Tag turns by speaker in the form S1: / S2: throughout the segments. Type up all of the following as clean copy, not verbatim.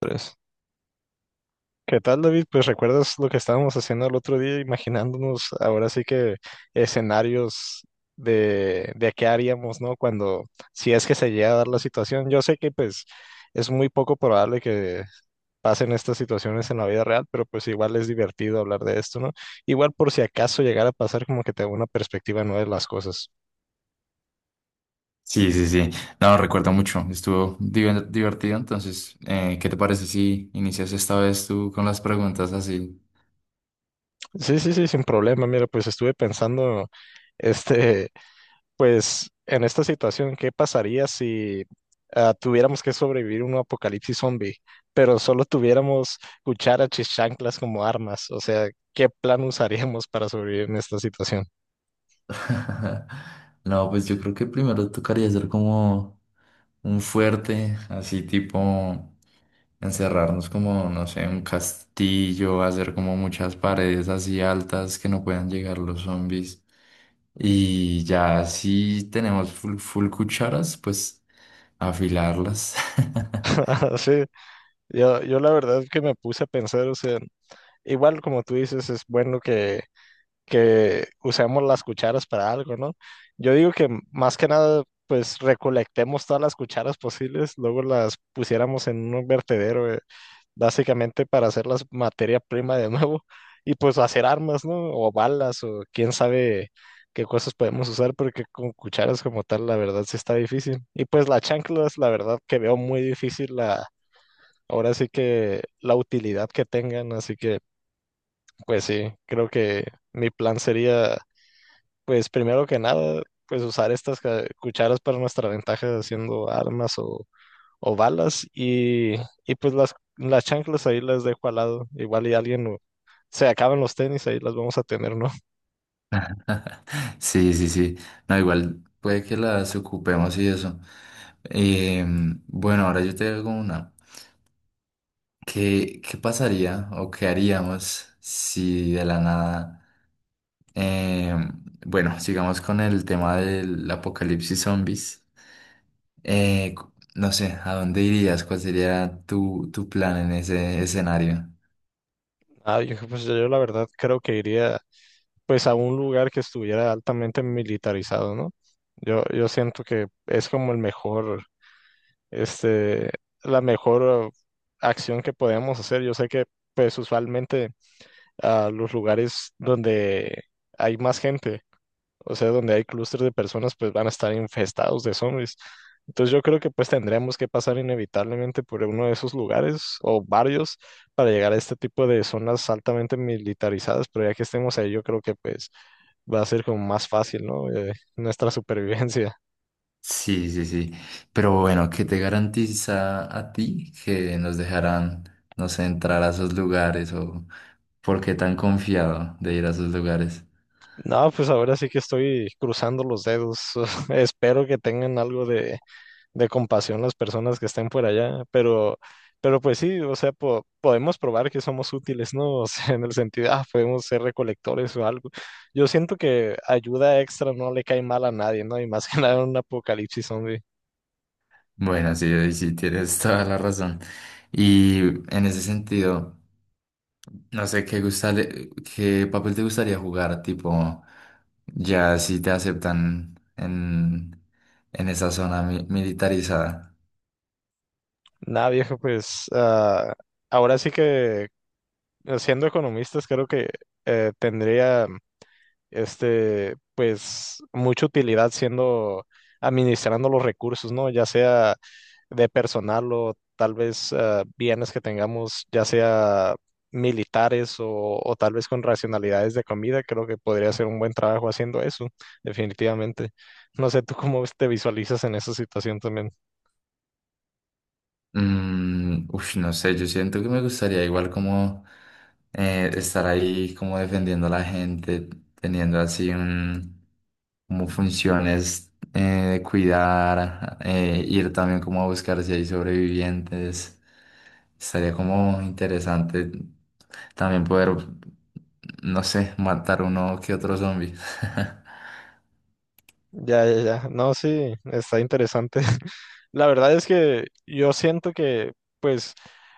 S1: Tres. ¿Qué tal, David? Pues recuerdas lo que estábamos haciendo el otro día, imaginándonos ahora sí que escenarios de qué haríamos, ¿no? Cuando, si es que se llega a dar la situación. Yo sé que pues es muy poco probable que pasen estas situaciones en la vida real, pero pues igual es divertido hablar de esto, ¿no? Igual por si acaso llegara a pasar como que te da una perspectiva nueva de las cosas.
S2: Sí, sí, sí. No, recuerdo mucho. Estuvo divertido. Entonces, ¿qué te parece si inicias esta vez tú con las preguntas así?
S1: Sí, sí, sí, sin problema. Mira, pues estuve pensando, este... pues en esta situación, ¿qué pasaría si tuviéramos que sobrevivir un apocalipsis zombie, pero solo tuviéramos cucharas y chanclas como armas? O sea, ¿qué plan usaríamos para sobrevivir en esta situación?
S2: No, pues yo creo que primero tocaría hacer como un fuerte, así tipo encerrarnos como, no sé, un castillo, hacer como muchas paredes así altas que no puedan llegar los zombies. Y ya si tenemos full, full cucharas, pues afilarlas.
S1: Sí, yo la verdad es que me puse a pensar, o sea, igual como tú dices, es bueno que usemos las cucharas para algo, ¿no? Yo digo que más que nada, pues recolectemos todas las cucharas posibles, luego las pusiéramos en un vertedero, básicamente para hacerlas materia prima de nuevo y pues hacer armas, ¿no? O balas o quién sabe qué cosas podemos usar, porque con cucharas como tal, la verdad sí está difícil. Y pues las chanclas, la verdad que veo muy difícil la... Ahora sí que la utilidad que tengan, así que pues sí, creo que mi plan sería pues primero que nada, pues usar estas cucharas para nuestra ventaja haciendo armas o balas y pues las chanclas ahí las dejo al lado. Igual y se acaban los tenis, ahí las vamos a tener, ¿no?
S2: Sí, sí, sí. No, igual puede que las ocupemos y eso. Bueno, ahora yo te hago una. ¿Qué pasaría o qué haríamos si de la nada... bueno, sigamos con el tema del apocalipsis zombies. No sé, ¿a dónde irías? ¿Cuál sería tu plan en ese escenario?
S1: Yo, pues yo la verdad creo que iría pues a un lugar que estuviera altamente militarizado, ¿no? Yo siento que es como el mejor, este, la mejor acción que podemos hacer. Yo sé que pues usualmente a los lugares donde hay más gente, o sea, donde hay clústeres de personas, pues van a estar infestados de zombies. Entonces yo creo que pues tendremos que pasar inevitablemente por uno de esos lugares o varios para llegar a este tipo de zonas altamente militarizadas, pero ya que estemos ahí, yo creo que pues va a ser como más fácil, ¿no? Nuestra supervivencia.
S2: Sí, sí, sí. Pero bueno, ¿qué te garantiza a ti que nos dejarán, no sé, entrar a esos lugares o por qué tan confiado de ir a esos lugares?
S1: No, pues ahora sí que estoy cruzando los dedos. Espero que tengan algo de compasión las personas que estén por allá, pero pues sí, o sea, podemos probar que somos útiles, ¿no? O sea, en el sentido, podemos ser recolectores o algo. Yo siento que ayuda extra no le cae mal a nadie, ¿no? Y más que nada en un apocalipsis zombie.
S2: Bueno, sí, ahí sí, tienes toda la razón. Y en ese sentido, no sé qué papel te gustaría jugar, tipo, ya si te aceptan en esa zona militarizada.
S1: Nada, viejo, pues ahora sí siendo economistas, creo que tendría... pues mucha utilidad siendo administrando los recursos, ¿no? Ya sea de personal o tal vez bienes que tengamos, ya sea militares o tal vez con racionalidades de comida, creo que podría ser un buen trabajo haciendo eso, definitivamente. No sé, ¿tú cómo te visualizas en esa situación también?
S2: Mm, uf, no sé, yo siento que me gustaría igual como estar ahí como defendiendo a la gente, teniendo así como funciones de cuidar, ir también como a buscar si hay sobrevivientes. Estaría como interesante también poder, no sé, matar uno que otro zombie.
S1: Ya, ya, ya. No, sí, está interesante. La verdad es que yo siento que, pues,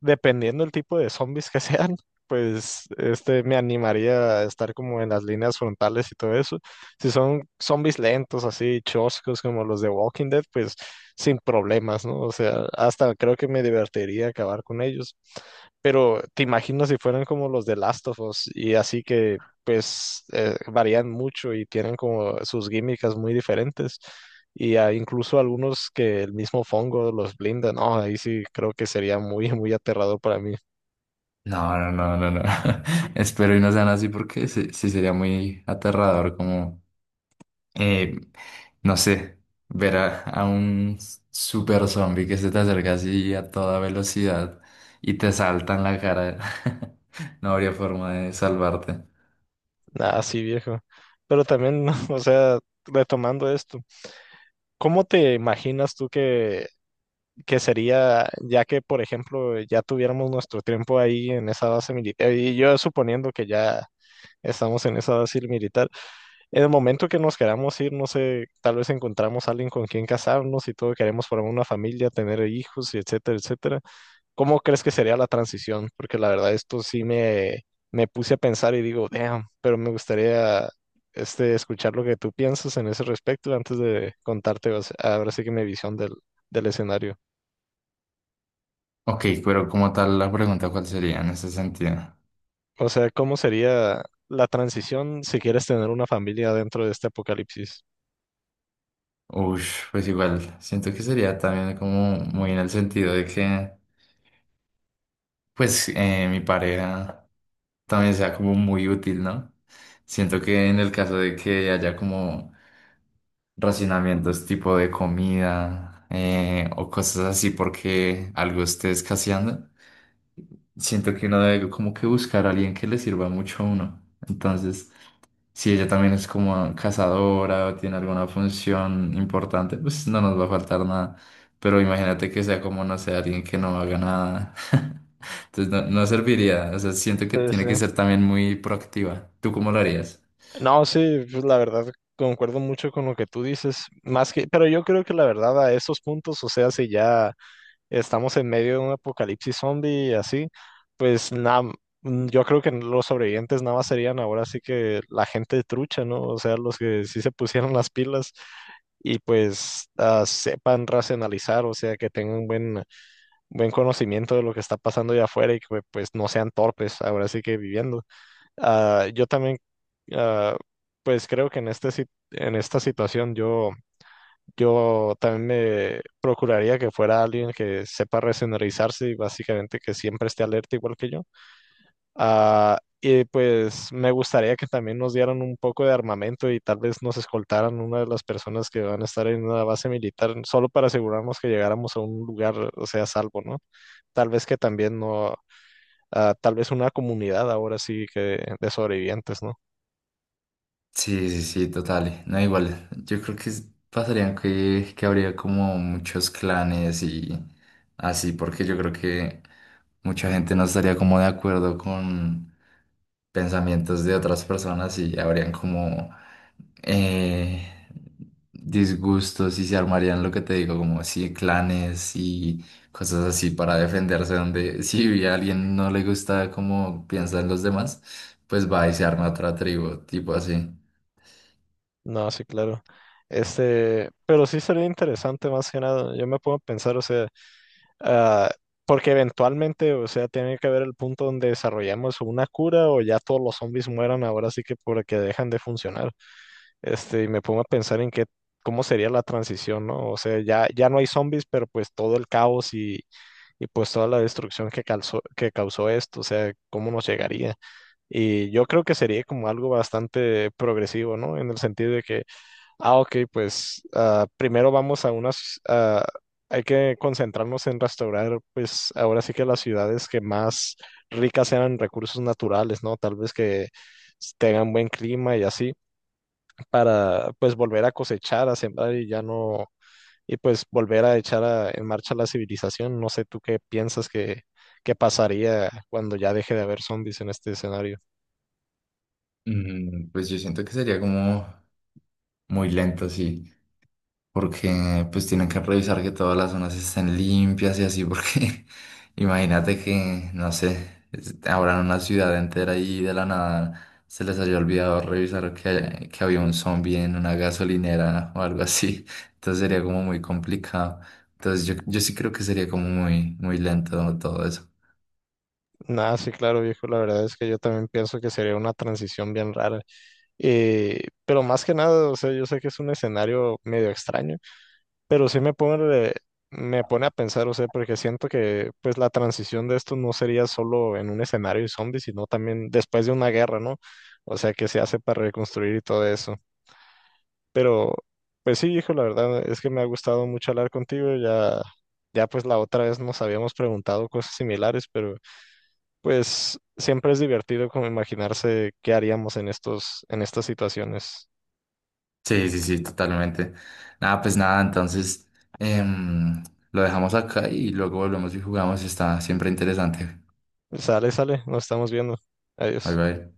S1: dependiendo del tipo de zombies que sean, pues, me animaría a estar como en las líneas frontales y todo eso. Si son zombies lentos, así, choscos, como los de Walking Dead, pues, sin problemas, ¿no? O sea, hasta creo que me divertiría acabar con ellos. Pero te imaginas si fueran como los de Last of Us y así que pues varían mucho y tienen como sus químicas muy diferentes. Y hay incluso algunos que el mismo Fongo los blinda, no, ahí sí creo que sería muy, muy aterrador para mí.
S2: No, no, no, no, no. Espero y no sean así porque sí, sí sería muy aterrador como. Eh, no sé, ver a un super zombie que se te acerca así a toda velocidad y te salta en la cara. No habría forma de salvarte.
S1: Nada, sí, viejo. Pero también, o sea, retomando esto, ¿cómo te imaginas tú que sería, ya que, por ejemplo, ya tuviéramos nuestro tiempo ahí en esa base militar, y yo suponiendo que ya estamos en esa base militar? En el momento que nos queramos ir, no sé, tal vez encontramos a alguien con quien casarnos y todo, queremos formar una familia, tener hijos y etcétera, etcétera. ¿Cómo crees que sería la transición? Porque la verdad esto sí me puse a pensar y digo, damn, pero me gustaría escuchar lo que tú piensas en ese respecto antes de contarte o sea, ahora sí que mi visión del escenario.
S2: Ok, pero como tal la pregunta, ¿cuál sería en ese sentido?
S1: O sea, ¿cómo sería la transición si quieres tener una familia dentro de este apocalipsis?
S2: Ush, pues igual, siento que sería también como muy en el sentido de que, pues, mi pareja también sea como muy útil, ¿no? Siento que en el caso de que haya como racionamientos tipo de comida o cosas así porque algo esté escaseando. Siento que uno debe como que buscar a alguien que le sirva mucho a uno. Entonces, si ella también es como cazadora o tiene alguna función importante, pues no nos va a faltar nada. Pero imagínate que sea como, no sé, alguien que no haga nada. Entonces no, no serviría. O sea, siento
S1: Sí,
S2: que
S1: sí.
S2: tiene que ser también muy proactiva. ¿Tú cómo lo harías?
S1: No, sí, pues la verdad concuerdo mucho con lo que tú dices, más que, pero yo creo que la verdad a esos puntos, o sea, si ya estamos en medio de un apocalipsis zombie y así, pues nada, yo creo que los sobrevivientes nada más serían ahora sí que la gente trucha, ¿no? O sea, los que sí se pusieron las pilas y pues sepan racionalizar, o sea, que tengan buen conocimiento de lo que está pasando allá afuera y que pues no sean torpes ahora sí que viviendo. Ah, yo también, ah, pues creo que en en esta situación yo también me procuraría que fuera alguien que sepa resenderizarse y básicamente que siempre esté alerta igual que yo. Y pues me gustaría que también nos dieran un poco de armamento y tal vez nos escoltaran una de las personas que van a estar en una base militar solo para asegurarnos que llegáramos a un lugar, o sea, a salvo, ¿no? Tal vez que también no, ah, tal vez una comunidad ahora sí que de sobrevivientes, ¿no?
S2: Sí, sí, sí, total. No, igual. Yo creo que pasaría que habría como muchos clanes y así, porque yo creo que mucha gente no estaría como de acuerdo con pensamientos de otras personas y habrían como eh, disgustos y se armarían lo que te digo, como sí, clanes y cosas así para defenderse, donde si a alguien no le gusta cómo piensan los demás, pues va y se arma otra tribu, tipo así.
S1: No, sí, claro. Pero sí sería interesante más que nada. Yo me puedo pensar, o sea, ah, porque eventualmente, o sea, tiene que haber el punto donde desarrollamos una cura o ya todos los zombies mueran ahora sí que porque dejan de funcionar. Y me pongo a pensar en qué, cómo sería la transición, ¿no? O sea, ya, ya no hay zombies, pero pues todo el caos y pues toda la destrucción que causó esto, o sea, cómo nos llegaría. Y yo creo que sería como algo bastante progresivo, ¿no? En el sentido de que ok, pues primero vamos a hay que concentrarnos en restaurar, pues ahora sí que las ciudades que más ricas sean en recursos naturales, ¿no? Tal vez que tengan buen clima y así, para pues volver a cosechar, a sembrar y ya no, y pues volver a echar en marcha la civilización. No sé tú qué piensas que pasaría cuando ya deje de haber zombies en este escenario.
S2: Mm, pues yo siento que sería como muy lento, sí, porque pues tienen que revisar que todas las zonas estén limpias y así, porque imagínate que, no sé, abran una ciudad entera y de la nada se les haya olvidado revisar que había un zombie en una gasolinera o algo así, entonces sería como muy complicado. Entonces yo sí creo que sería como muy, muy lento todo eso.
S1: Nada, sí, claro, viejo, la verdad es que yo también pienso que sería una transición bien rara. Pero más que nada, o sea, yo sé que es un escenario medio extraño, pero sí me pone a pensar, o sea, porque siento que pues la transición de esto no sería solo en un escenario de zombies, sino también después de una guerra, ¿no? O sea, que se hace para reconstruir y todo eso. Pero, pues sí, hijo, la verdad es que me ha gustado mucho hablar contigo, ya pues la otra vez nos habíamos preguntado cosas similares, pero pues siempre es divertido como imaginarse qué haríamos en en estas situaciones.
S2: Sí, sí, sí, totalmente. Nada, pues nada, entonces em, lo dejamos acá y luego volvemos y jugamos. Está siempre interesante.
S1: Sale, sale, nos estamos viendo.
S2: Bye
S1: Adiós.
S2: bye.